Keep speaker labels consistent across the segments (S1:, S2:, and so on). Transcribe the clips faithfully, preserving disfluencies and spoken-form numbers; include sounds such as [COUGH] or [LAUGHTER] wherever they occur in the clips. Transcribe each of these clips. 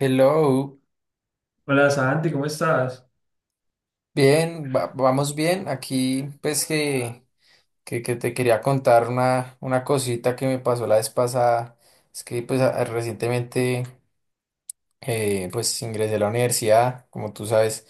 S1: Hello,
S2: Hola Santi, ¿cómo estás?
S1: bien, va- vamos bien. Aquí pues que, que, que te quería contar una, una cosita que me pasó la vez pasada. Es que pues a- recientemente eh, pues ingresé a la universidad, como tú sabes,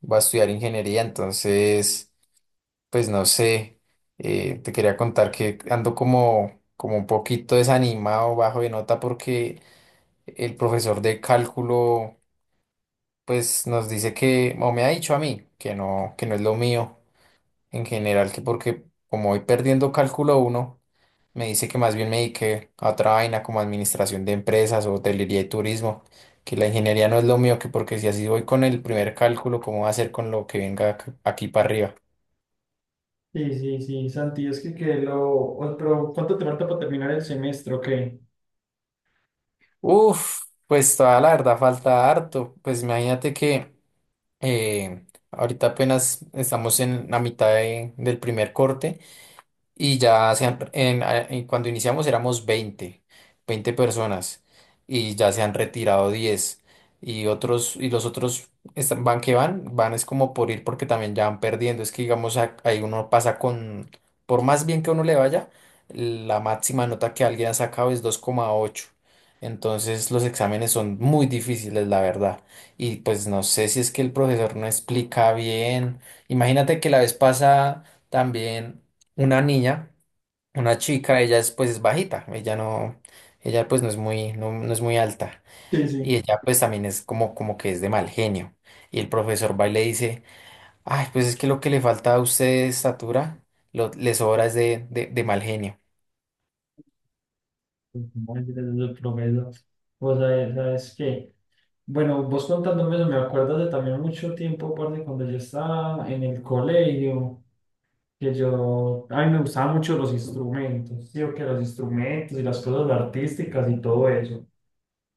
S1: voy a estudiar ingeniería, entonces pues no sé, eh, te quería contar que ando como, como un poquito desanimado, bajo de nota porque el profesor de cálculo pues nos dice que, o me ha dicho a mí, que no, que no es lo mío en general, que porque como voy perdiendo cálculo uno me dice que más bien me dediqué a otra vaina como administración de empresas o hotelería y turismo, que la ingeniería no es lo mío, que porque si así voy con el primer cálculo, ¿cómo va a ser con lo que venga ac- aquí para arriba?
S2: Sí, sí, sí, Santi, es que, que lo... o- Pero, ¿cuánto te falta para terminar el semestre o qué?
S1: Uf, pues toda la verdad falta harto. Pues imagínate que eh, ahorita apenas estamos en la mitad de- del primer corte. Y ya se han, en- a- en- cuando iniciamos éramos veinte veinte personas y ya se han retirado diez y otros y los otros están- van que van, van es como por ir porque también ya van perdiendo, es que digamos a- ahí uno pasa con por más bien que uno le vaya, la máxima nota que alguien ha sacado es dos coma ocho. Entonces los exámenes son muy difíciles, la verdad. Y pues no sé si es que el profesor no explica bien. Imagínate que la vez pasada también una niña, una chica, ella es pues es bajita, ella no, ella pues no es muy, no, no es muy alta.
S2: Sí,
S1: Y
S2: sí.
S1: ella pues también es como, como que es de mal genio. Y el profesor va y le dice, ay, pues es que lo que le falta a usted de estatura, lo, le sobra es de, de, de mal genio.
S2: Pues, no, yo desde el promedio. Vos sabés, sabes qué. Bueno, vos contándome eso, me acuerdo de también mucho tiempo, parce, cuando yo estaba en el colegio, que yo... a mí me gustaban mucho los instrumentos, sí, o que los instrumentos y las cosas artísticas y todo eso.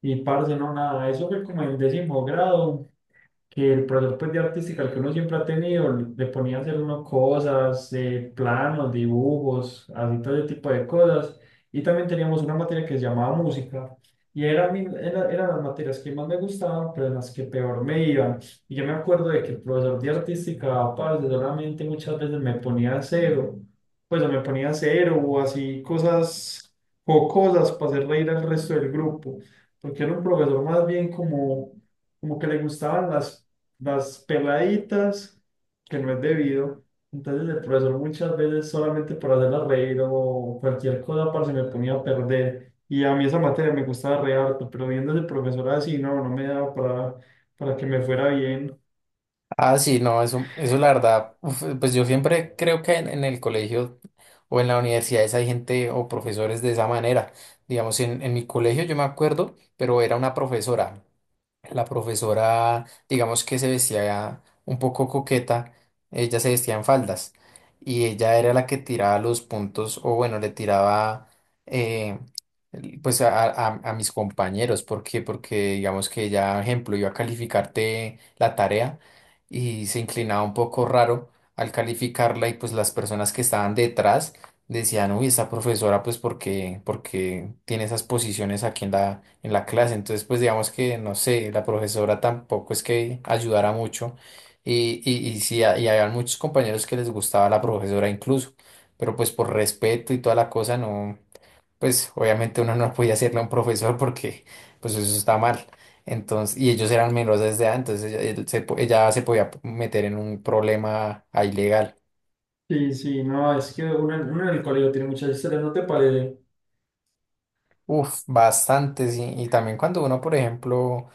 S2: Y, parce, no, nada, eso fue como en décimo grado. Que el profesor pues, de artística, el que uno siempre ha tenido, le ponía a hacer unas cosas, eh, planos, dibujos, así todo ese tipo de cosas. Y también teníamos una materia que se llamaba música. Y era mi- era- eran las materias que más me gustaban, pero en las que peor me iban. Y yo me acuerdo de que el profesor de artística, parce, solamente muchas veces me ponía cero, pues o me ponía cero o así cosas o cosas para hacer reír al resto del grupo, porque era un profesor más bien como como que le gustaban las, las peladitas, que no es debido. Entonces el profesor muchas veces solamente por hacerla reír o cualquier cosa, para se me ponía a perder. Y a mí esa materia me gustaba re harto, pero viendo ese profesor así, no, no me daba para, para que me fuera bien.
S1: Ah, sí, no, eso, eso la verdad, uf, pues yo siempre creo que en, en el colegio o en la universidad hay gente o profesores de esa manera. Digamos, en, en mi colegio yo me acuerdo, pero era una profesora. La profesora, digamos que se vestía un poco coqueta, ella se vestía en faldas y ella era la que tiraba los puntos o bueno, le tiraba eh, el- pues a, a- a mis compañeros, ¿por qué? Porque digamos que ella, ejemplo, iba a calificarte la tarea y se inclinaba un poco raro al calificarla y pues las personas que estaban detrás decían, uy, esta profesora, pues, porque, porque tiene esas posiciones aquí en la, en la clase. Entonces, pues, digamos que, no sé, la profesora tampoco es que ayudara mucho. Y, y, y sí, ha- y había muchos compañeros que les gustaba la profesora incluso. Pero, pues, por respeto y toda la cosa, no, pues, obviamente uno no podía hacerle a un profesor porque, pues, eso está mal. Entonces, y ellos eran menores de edad, entonces ella, él se po- ella se podía meter en un problema ahí legal.
S2: Sí, sí, no, es que uno, uno en el colegio tiene muchas historias, ¿no te parece?
S1: Uf, bastantes. Y, y también cuando uno, por ejemplo,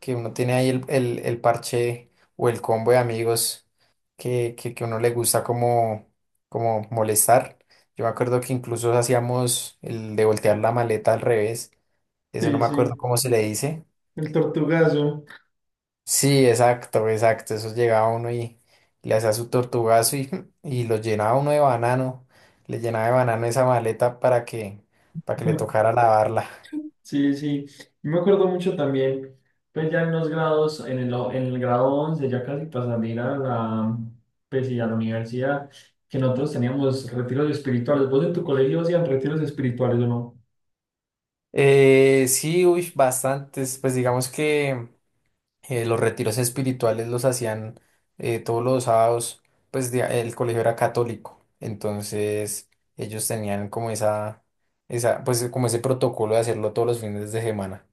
S1: que uno tiene ahí el, el, el parche o el combo de amigos que, que, que uno le gusta como, como molestar. Yo me acuerdo que incluso hacíamos el de voltear la maleta al revés. Eso no
S2: Sí,
S1: me acuerdo
S2: sí,
S1: cómo se le dice.
S2: el tortugazo.
S1: Sí, exacto, exacto. Eso llegaba uno y le hacía su tortugazo y, [LAUGHS] y lo llenaba uno de banano. Le llenaba de banano esa maleta para que, para que le
S2: [LAUGHS]
S1: tocara lavarla.
S2: Sí, sí, yo me acuerdo mucho también, pues ya en los grados, en el, o- en el grado once ya casi pasando a a la, pues sí, a la universidad, que nosotros teníamos retiros espirituales. ¿Vos en tu colegio hacían retiros espirituales o no?
S1: Eh, sí, uy, bastantes. Pues digamos que eh, los retiros espirituales los hacían eh, todos los sábados, pues di- el colegio era católico, entonces ellos tenían como esa, esa, pues como ese protocolo de hacerlo todos los fines de semana.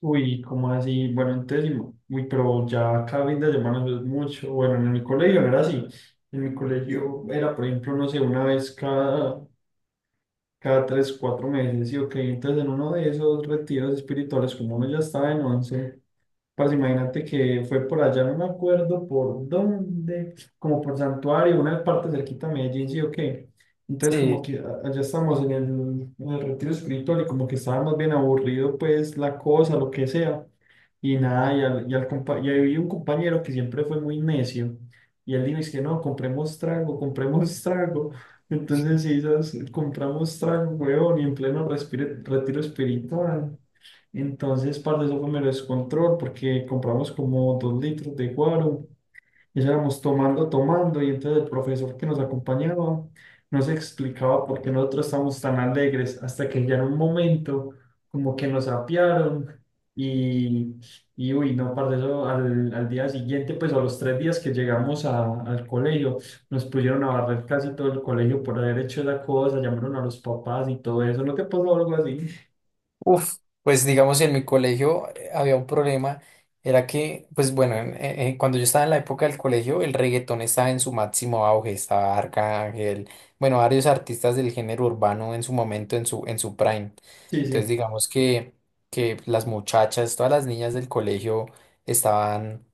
S2: Uy, ¿cómo así? Bueno, entonces, y- uy, pero ya cada fin de semana eso es mucho. Bueno, en mi colegio no era así. En mi colegio era, por ejemplo, no sé, una vez cada, cada tres, cuatro meses, y ok. Entonces en uno de esos retiros espirituales, como uno ya estaba en once. Pues imagínate que fue por allá, no me acuerdo por dónde, como por Santuario, una parte cerquita de Medellín, sí o qué. Entonces como
S1: Sí.
S2: que a- allá estábamos en el, en el retiro espiritual y como que estaba más bien aburrido pues la cosa, lo que sea. Y nada, y, al, y, al compa- y había un compañero que siempre fue muy necio. Y él dijo, es que no, compremos trago, compremos [LAUGHS] trago. Entonces sí, esas- compramos trago, weón, y en pleno respire- retiro espiritual. Entonces, parte eso fue mero descontrol porque compramos como dos litros de guaro y eso éramos tomando, tomando. Y entonces el profesor que nos acompañaba nos explicaba por qué nosotros estábamos tan alegres hasta que ya en un momento como que nos apiaron y, y uy, no, parte eso al, al día siguiente, pues a los tres días que llegamos a- al colegio, nos pusieron a barrer casi todo el colegio por haber hecho esa cosa, llamaron a los papás y todo eso. ¿No te pasó algo así?
S1: Uf, pues digamos en mi colegio eh, había un problema, era que, pues bueno, en- en- en- cuando yo estaba en la época del colegio, el reggaetón estaba en su máximo auge, estaba Arcángel, bueno, varios artistas del género urbano en su momento, en su, en su prime.
S2: Sí,
S1: Entonces
S2: sí.
S1: digamos que, que las muchachas, todas las niñas del colegio estaban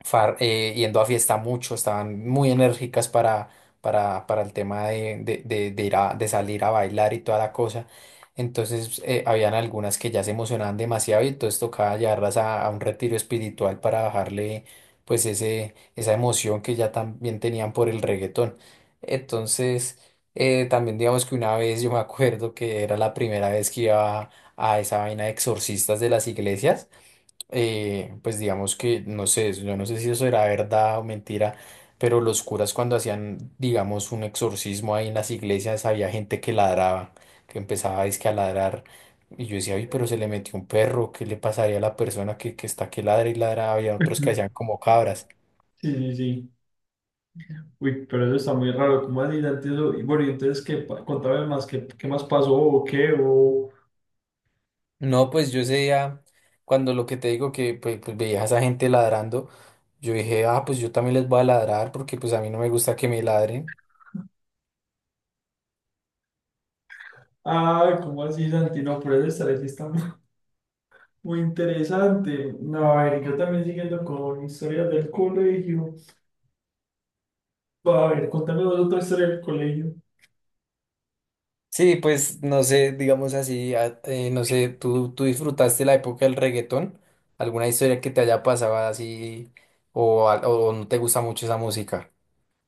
S1: far- eh, yendo a fiesta mucho, estaban muy enérgicas para, para, para el tema de, de, de- de ir a, de salir a bailar y toda la cosa. Entonces, eh, habían algunas que ya se emocionaban demasiado y entonces tocaba llevarlas a, a un retiro espiritual para bajarle pues ese, esa emoción que ya también tenían por el reggaetón. Entonces, eh, también digamos que una vez yo me acuerdo que era la primera vez que iba a a esa vaina de exorcistas de las iglesias eh, pues digamos que, no sé, yo no sé si eso era verdad o mentira, pero los curas cuando hacían, digamos, un exorcismo ahí en las iglesias, había gente que ladraba, que empezaba dizque a ladrar. Y yo decía, uy, pero se le metió un perro, ¿qué le pasaría a la persona que, que está que ladra y ladra? Había otros que hacían
S2: [LAUGHS]
S1: como cabras.
S2: Sí, sí, sí. Uy, pero eso está muy raro, ¿cómo así, Dante, eso? Y bueno, y entonces, ¿qué? pa- contame más, ¿qué, qué más pasó o qué? O...
S1: No, pues yo ese día, cuando lo que te digo que pues, pues, veía a esa gente ladrando, yo dije, ah, pues yo también les voy a ladrar porque pues a mí no me gusta que me ladren.
S2: Ah, ¿cómo así, Santi? No, pero eso está, eso está [LAUGHS] muy, muy interesante. No, a ver, yo también siguiendo con historias del colegio. A ver, contame vos otra historia del colegio.
S1: Sí, pues no sé, digamos así, a- eh, no sé, ¿tú, tú disfrutaste la época del reggaetón? ¿Alguna historia que te haya pasado así o, al- o no te gusta mucho esa música?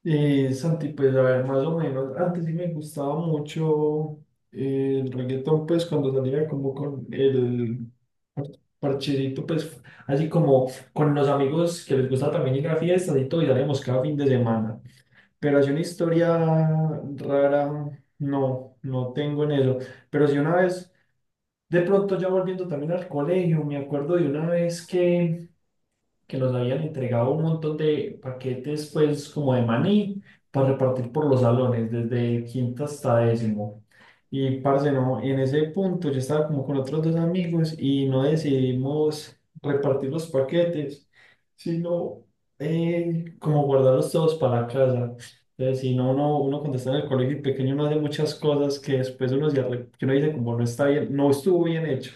S2: Eh, Santi, pues a ver, más o menos, antes sí me gustaba mucho eh, el reggaetón, pues cuando salía como con el parchecito, pues así como con los amigos que les gusta también ir a fiestas y todo, y salíamos cada fin de semana. Pero así una historia rara, no, no tengo en eso. Pero sí una vez, de pronto ya volviendo también al colegio, me acuerdo de una vez que que los habían entregado un montón de paquetes, pues como de maní, para repartir por los salones, desde quinto hasta décimo. Y parce, no, en ese punto yo estaba como con otros dos amigos y no decidimos repartir los paquetes, sino eh, como guardarlos todos para la casa. Entonces, si no, uno, uno cuando está en el colegio y pequeño uno hace muchas cosas que después uno, se arre- que uno dice como no está bien, no estuvo bien hecho.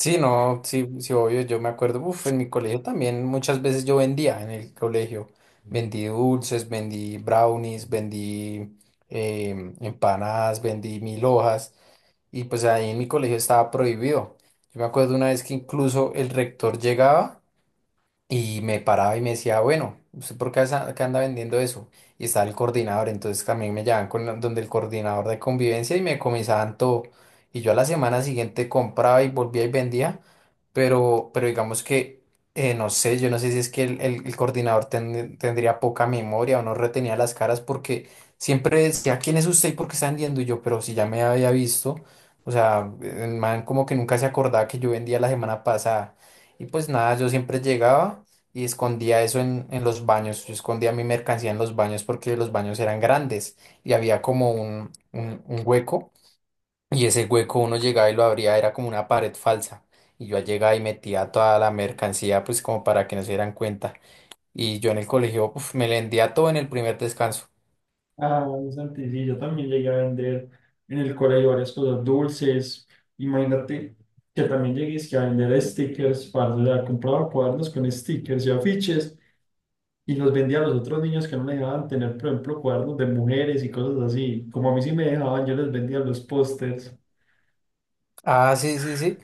S1: Sí, no, sí, sí, obvio, yo me acuerdo, uf, en mi colegio también muchas veces yo vendía en el colegio, vendí dulces, vendí brownies, vendí em, empanadas, vendí mil hojas. Y pues ahí en mi colegio estaba prohibido. Yo me acuerdo una vez que incluso el rector llegaba y me paraba y me decía, bueno, ¿usted por qué asa- qué anda vendiendo eso? Y estaba el coordinador, entonces también me llevaban con la- donde el coordinador de convivencia y me comisaban todo. Y yo a la semana siguiente compraba y volvía y vendía, pero, pero digamos que, eh, no sé, yo no sé si es que el, el- el coordinador ten- tendría poca memoria o no retenía las caras porque siempre decía, ¿quién es usted y por qué está vendiendo? Y yo, pero si ya me había visto, o sea, el man como que nunca se acordaba que yo vendía la semana pasada. Y pues nada, yo siempre llegaba y escondía eso en, en los baños. Yo escondía mi mercancía en los baños porque los baños eran grandes y había como un, un, un hueco y ese hueco uno llegaba y lo abría, era como una pared falsa. Y yo llegaba y metía toda la mercancía pues como para que no se dieran cuenta. Y yo en el colegio uf, me vendía todo en el primer descanso.
S2: Ah, bueno, Santi, sí, yo también llegué a vender en el colegio varias cosas dulces. Imagínate que también llegué es que a vender stickers. Para, o sea, compraba cuadernos con stickers y afiches y los vendía a los otros niños que no les dejaban tener, por ejemplo, cuadernos de mujeres y cosas así. Como a mí sí me dejaban, yo les vendía los pósters.
S1: Ah, sí, sí, sí.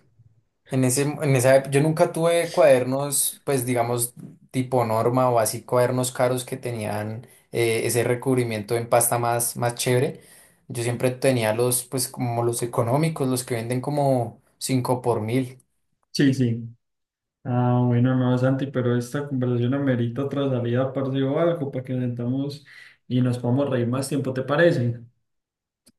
S1: En ese, en esa, ep- yo nunca tuve cuadernos, pues digamos, tipo norma o así cuadernos caros que tenían eh, ese recubrimiento en pasta más, más chévere. Yo siempre tenía los, pues como los económicos, los que venden como cinco por mil.
S2: Sí, sí. Ah, bueno, no, Santi, pero esta conversación amerita otra salida, parce, o algo, para que nos sentamos y nos podamos reír más tiempo, ¿te parece?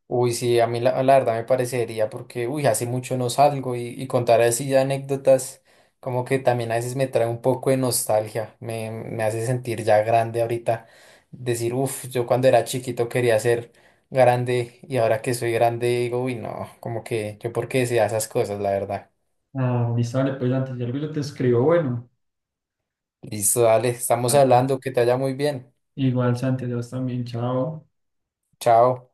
S1: Uy, sí, a mí la, la verdad me parecería porque, uy, hace mucho no salgo y, y contar así anécdotas como que también a veces me trae un poco de nostalgia, me, me hace sentir ya grande ahorita, decir, uff, yo cuando era chiquito quería ser grande y ahora que soy grande digo, uy, no, como que yo por qué decía esas cosas, la verdad.
S2: Ah, listo, vale, pues Santi, si algo yo te escribo, bueno,
S1: Listo, dale, estamos
S2: ah,
S1: hablando, que te vaya muy bien.
S2: igual Santi, Dios también, chao.
S1: Chao.